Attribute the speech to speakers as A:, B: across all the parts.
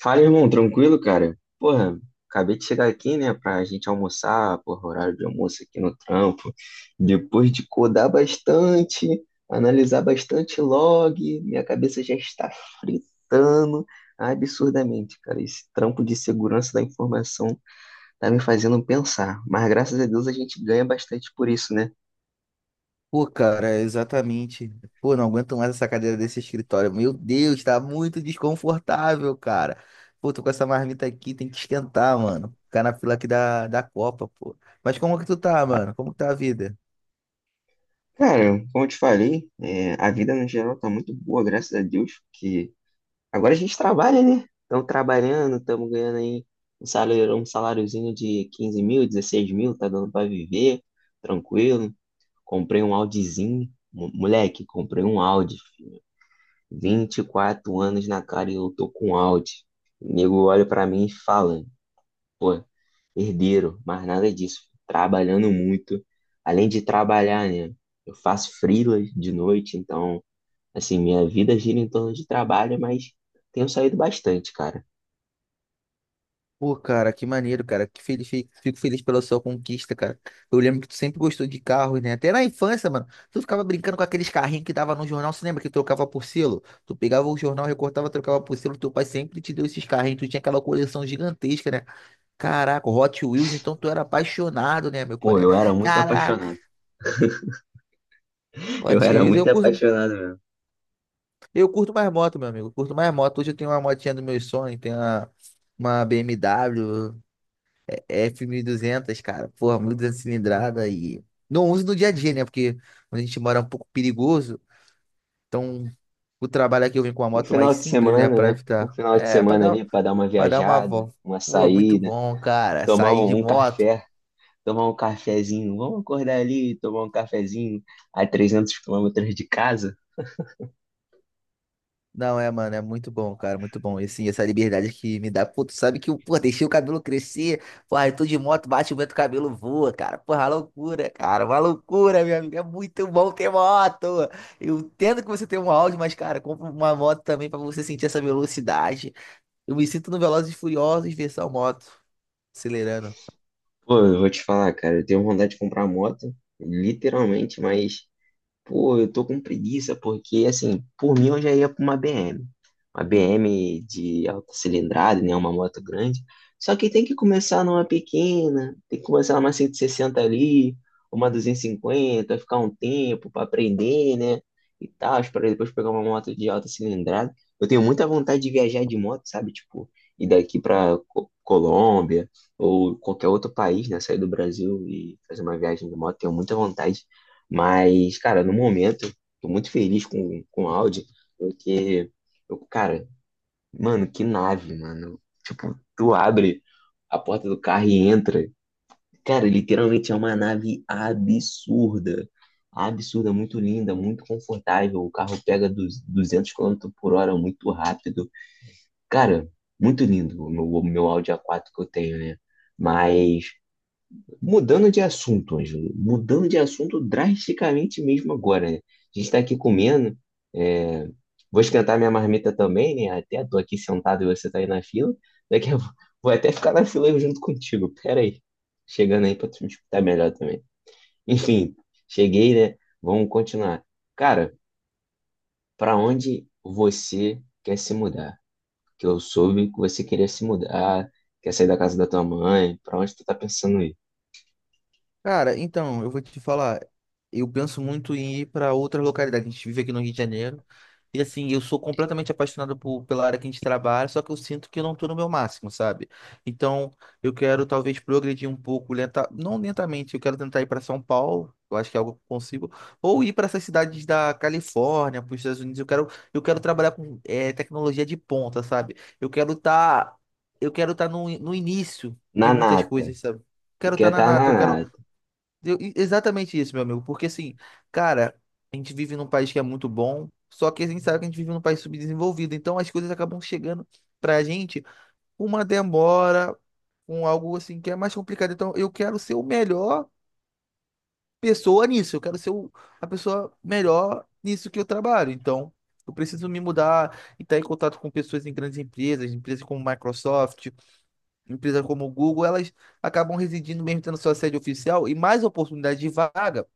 A: Fala, irmão, tranquilo, cara? Porra, acabei de chegar aqui, né, pra gente almoçar, porra, horário de almoço aqui no trampo. Depois de codar bastante, analisar bastante log, minha cabeça já está fritando absurdamente, cara. Esse trampo de segurança da informação tá me fazendo pensar, mas graças a Deus a gente ganha bastante por isso, né?
B: Pô, cara, é exatamente. Pô, não aguento mais essa cadeira desse escritório. Meu Deus, tá muito desconfortável, cara. Pô, tô com essa marmita aqui, tem que esquentar, mano. Ficar na fila aqui da Copa, pô. Mas como que tu tá, mano? Como que tá a vida?
A: Cara, como eu te falei, é, a vida no geral tá muito boa, graças a Deus, porque agora a gente trabalha, né? Estamos trabalhando, estamos ganhando aí um salário, um saláriozinho de 15 mil, 16 mil, tá dando para viver, tranquilo. Comprei um Audizinho, moleque, comprei um Audi, filho. 24 anos na cara e eu tô com Audi. O nego olha para mim e fala, pô, herdeiro, mas nada disso, filho. Trabalhando muito. Além de trabalhar, né? Eu faço freelas de noite, então, assim, minha vida gira em torno de trabalho, mas tenho saído bastante, cara.
B: Pô, cara, que maneiro, cara. Que feliz, fico feliz pela sua conquista, cara. Eu lembro que tu sempre gostou de carros, né? Até na infância, mano. Tu ficava brincando com aqueles carrinhos que dava no jornal. Você lembra que trocava por selo? Tu pegava o jornal, recortava, trocava por selo. Teu pai sempre te deu esses carrinhos. Tu tinha aquela coleção gigantesca, né? Caraca, Hot Wheels, então tu era apaixonado, né, meu
A: Pô, eu
B: colega?
A: era muito
B: Caraca,
A: apaixonado. Eu
B: Hot
A: era
B: Wheels, eu
A: muito
B: curto,
A: apaixonado mesmo.
B: eu curto mais moto, meu amigo. Eu curto mais moto. Hoje eu tenho uma motinha dos meus sonhos, tenho uma BMW F1200, 1200, cara. Porra, 1200 cilindrada e não uso no dia a dia, né? Porque onde a gente mora é um pouco perigoso. Então, o trabalho aqui eu venho com uma
A: Um
B: moto
A: final
B: mais
A: de
B: simples, né,
A: semana,
B: pra
A: né? Um
B: evitar.
A: final de
B: É, pra
A: semana
B: dar,
A: ali pra dar uma
B: pra dar uma
A: viajada,
B: volta.
A: uma
B: Pô, muito
A: saída,
B: bom, cara.
A: tomar
B: Sair de
A: um
B: moto.
A: café, tomar um cafezinho. Vamos acordar ali, e tomar um cafezinho a 300 quilômetros de casa.
B: Não, é, mano, é muito bom, cara, muito bom. E assim, essa liberdade que me dá. Pô, tu sabe que eu, pô, deixei o cabelo crescer. Porra, eu tô de moto, bate o vento, o cabelo voa, cara. Porra, loucura, cara, uma loucura, meu amigo. É muito bom ter moto. Eu entendo que você tem um Audi, mas, cara, compra uma moto também pra você sentir essa velocidade. Eu me sinto no Velozes e Furiosos versão moto, acelerando.
A: Pô, eu vou te falar, cara, eu tenho vontade de comprar moto, literalmente, mas pô, eu tô com preguiça porque, assim, por mim eu já ia pra uma BM. Uma BM de alta cilindrada, né? Uma moto grande. Só que tem que começar numa pequena, tem que começar numa 160 ali, uma 250, ficar um tempo pra aprender, né? E tal, para depois pegar uma moto de alta cilindrada. Eu tenho muita vontade de viajar de moto, sabe? Tipo, ir daqui pra Colômbia ou qualquer outro país, né? Sair do Brasil e fazer uma viagem de moto, tenho muita vontade. Mas, cara, no momento, tô muito feliz com o Audi, porque, eu, cara, mano, que nave, mano. Tipo, tu abre a porta do carro e entra. Cara, literalmente é uma nave absurda. Absurda, muito linda, muito confortável. O carro pega dos 200 km/h muito rápido. Cara, muito lindo o meu Audi A4 que eu tenho, né? Mas mudando de assunto, Ângelo, mudando de assunto drasticamente mesmo agora, né? A gente está aqui comendo, é, vou esquentar minha marmita também, né? Até tô aqui sentado e você tá aí na fila. Daqui a... Vou até ficar na fila junto contigo. Pera aí. Chegando aí para tu me escutar melhor também. Enfim, cheguei, né? Vamos continuar. Cara, para onde você quer se mudar? Que eu soube que você queria se mudar, quer sair da casa da tua mãe. Para onde tu tá pensando ir?
B: Cara, então, eu vou te falar, eu penso muito em ir para outras localidades. A gente vive aqui no Rio de Janeiro. E assim, eu sou completamente apaixonado pela área que a gente trabalha, só que eu sinto que eu não estou no meu máximo, sabe? Então, eu quero talvez progredir um pouco, lenta, não lentamente, eu quero tentar ir para São Paulo, eu acho que é algo que eu consigo, ou ir para essas cidades da Califórnia, para os Estados Unidos. Eu quero trabalhar com tecnologia de ponta, sabe? Eu quero estar no início
A: Na
B: de muitas
A: nata.
B: coisas, sabe?
A: Tu
B: Quero estar
A: quer
B: na
A: estar na
B: nata, eu quero
A: nada.
B: exatamente isso, meu amigo, porque assim, cara, a gente vive num país que é muito bom, só que a gente sabe que a gente vive num país subdesenvolvido, então as coisas acabam chegando pra gente com uma demora, com algo assim que é mais complicado. Então eu quero ser o melhor pessoa nisso, eu quero ser o- a pessoa melhor nisso que eu trabalho. Então eu preciso me mudar e estar em contato com pessoas em grandes empresas, empresas como Microsoft, empresas como Google, elas acabam residindo mesmo tendo sua sede oficial e mais oportunidade de vaga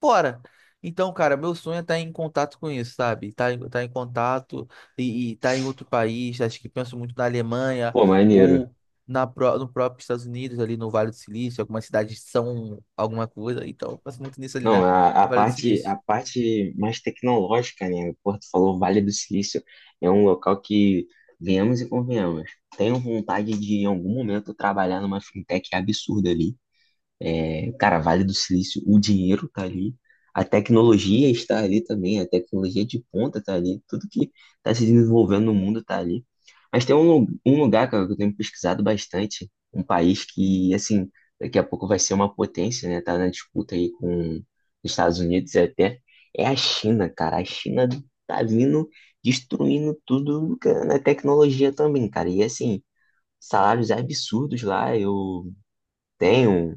B: fora. Então, cara, meu sonho é estar em contato com isso, sabe? Tá, tá em contato e tá em outro país. Acho que penso muito na Alemanha
A: Pô, maneiro.
B: ou no próprio Estados Unidos, ali no Vale do Silício. Algumas cidades são alguma coisa. Então, eu penso muito nisso ali
A: Não,
B: no Vale do Silício.
A: a parte mais tecnológica, né? Pô, tu falou Vale do Silício é um local que, venhamos e convenhamos, tenho vontade de, em algum momento, trabalhar numa fintech absurda ali. É, cara, Vale do Silício, o dinheiro tá ali, a tecnologia está ali também, a tecnologia de ponta tá ali, tudo que tá se desenvolvendo no mundo tá ali. Mas tem um, um lugar, cara, que eu tenho pesquisado bastante, um país que, assim, daqui a pouco vai ser uma potência, né? Tá na disputa aí com os Estados Unidos até, é a China, cara. A China tá vindo destruindo tudo, cara, na tecnologia também, cara. E, assim, salários absurdos lá, eu tenho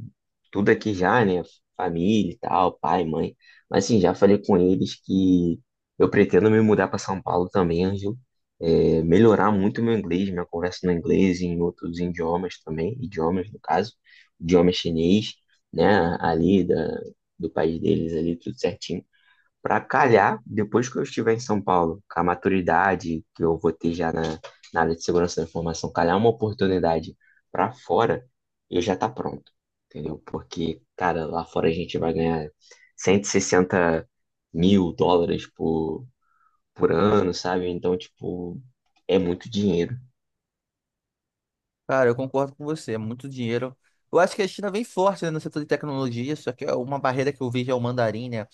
A: tudo aqui já, né? Família e tal, pai, mãe. Mas assim, já falei com eles que eu pretendo me mudar para São Paulo também, Ângelo. É, melhorar muito o meu inglês, minha conversa no inglês e em outros idiomas também, idiomas no caso, idioma chinês, né? Ali da, do país deles ali, tudo certinho para calhar, depois que eu estiver em São Paulo, com a maturidade que eu vou ter já na, na área de segurança da informação, calhar uma oportunidade para fora, eu já tá pronto, entendeu? Porque, cara, lá fora a gente vai ganhar 160 mil dólares por ano, sabe? Então, tipo, é muito dinheiro.
B: Cara, eu concordo com você. É muito dinheiro. Eu acho que a China vem forte, né, no setor de tecnologia. Só que é uma barreira que eu vejo é o mandarim, né?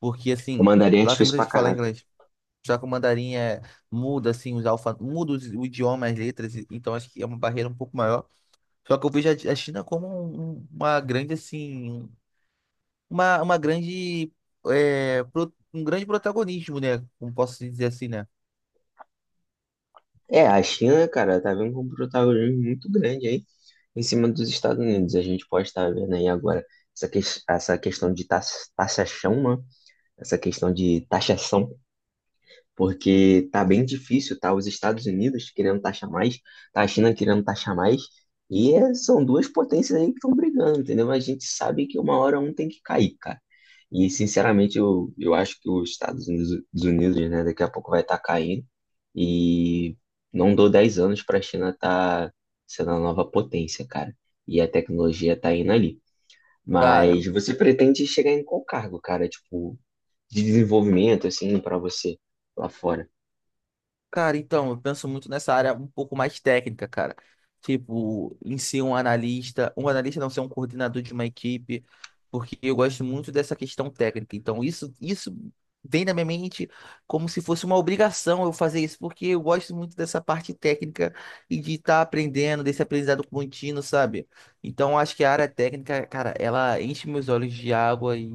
B: Porque,
A: O
B: assim,
A: mandarim é
B: lá tem
A: difícil
B: muita
A: pra
B: gente que fala
A: caralho.
B: inglês. Já que o mandarim é, muda assim os alfa, o idioma, as letras, então acho que é uma barreira um pouco maior. Só que eu vejo a China como uma grande assim, uma grande é, um grande protagonismo, né? Como posso dizer assim, né?
A: É, a China, cara, tá vendo com um protagonismo muito grande aí em cima dos Estados Unidos. A gente pode estar vendo aí agora essa, essa questão de taxação, né? Essa questão de taxação porque tá bem difícil, tá? Os Estados Unidos querendo taxar mais, tá a China querendo taxar mais, e são duas potências aí que estão brigando, entendeu? Mas a gente sabe que uma hora um tem que cair, cara. E, sinceramente, eu acho que os Estados Unidos, né, daqui a pouco vai estar caindo, e não dou 10 anos para a China estar sendo a nova potência, cara. E a tecnologia tá indo ali.
B: Cara,
A: Mas você pretende chegar em qual cargo, cara? Tipo, de desenvolvimento, assim, para você lá fora?
B: Cara, então, eu penso muito nessa área um pouco mais técnica, cara. Tipo, em si um analista, não ser um coordenador de uma equipe, porque eu gosto muito dessa questão técnica. Então, isso vem na minha mente como se fosse uma obrigação eu fazer isso, porque eu gosto muito dessa parte técnica e de estar aprendendo, desse aprendizado contínuo, sabe? Então, acho que a área técnica, cara, ela enche meus olhos de água e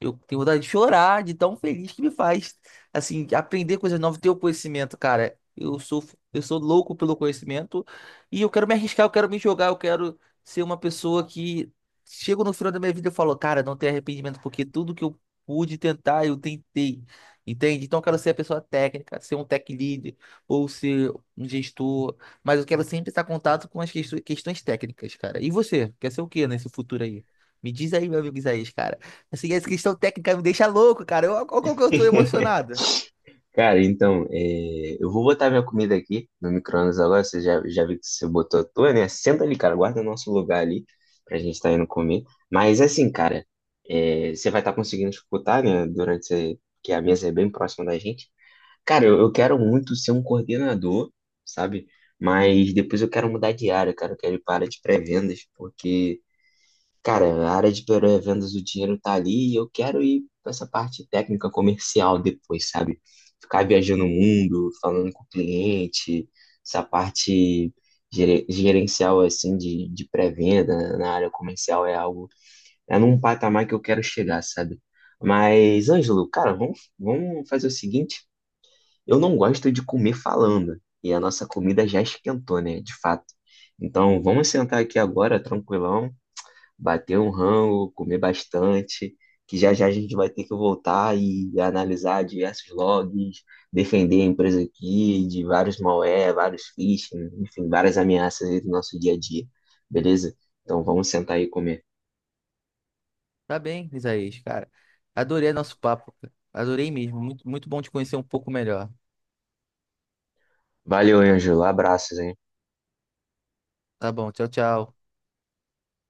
B: eu tenho vontade de chorar de tão feliz que me faz assim, aprender coisas novas, ter o conhecimento, cara. Eu sou louco pelo conhecimento e eu quero me arriscar, eu quero me jogar, eu quero ser uma pessoa que chego no final da minha vida e falo, cara, não tenho arrependimento, porque tudo que eu pude tentar, eu tentei. Entende? Então eu quero ser a pessoa técnica, ser um tech lead ou ser um gestor, mas eu quero sempre estar em contato com as questões técnicas, cara. E você, quer ser o quê nesse futuro aí? Me diz aí, meu amigo Isaías, cara. Assim, essa questão técnica me deixa louco, cara. Eu, olha como que eu tô emocionado.
A: Cara, então, é, eu vou botar minha comida aqui no micro-ondas agora. Você já viu que você botou a tua, né? Senta ali, cara, guarda o nosso lugar ali pra gente tá indo comer. Mas assim, cara, é, você vai estar conseguindo escutar, né? Durante esse- que a mesa é bem próxima da gente. Cara, eu quero muito ser um coordenador, sabe? Mas depois eu quero mudar de área, cara. Eu quero ir para a área de pré-vendas, porque cara, a área de pré-vendas, o dinheiro tá ali e eu quero ir pra essa parte técnica comercial depois, sabe? Ficar viajando o mundo, falando com o cliente, essa parte gerencial, assim, de pré-venda na área comercial é algo, é num patamar que eu quero chegar, sabe? Mas, Ângelo, cara, vamos fazer o seguinte: eu não gosto de comer falando e a nossa comida já esquentou, né? De fato. Então, vamos sentar aqui agora, tranquilão, bater um rango, comer bastante, que já já a gente vai ter que voltar e analisar diversos logs, defender a empresa aqui de vários malware, vários phishing, enfim, várias ameaças aí do nosso dia a dia, beleza? Então vamos sentar aí e comer.
B: Tá bem, Isaías, cara. Adorei nosso papo, cara. Adorei mesmo. Muito, muito bom te conhecer um pouco melhor.
A: Valeu, Ângelo. Abraços, hein?
B: Tá bom, tchau, tchau.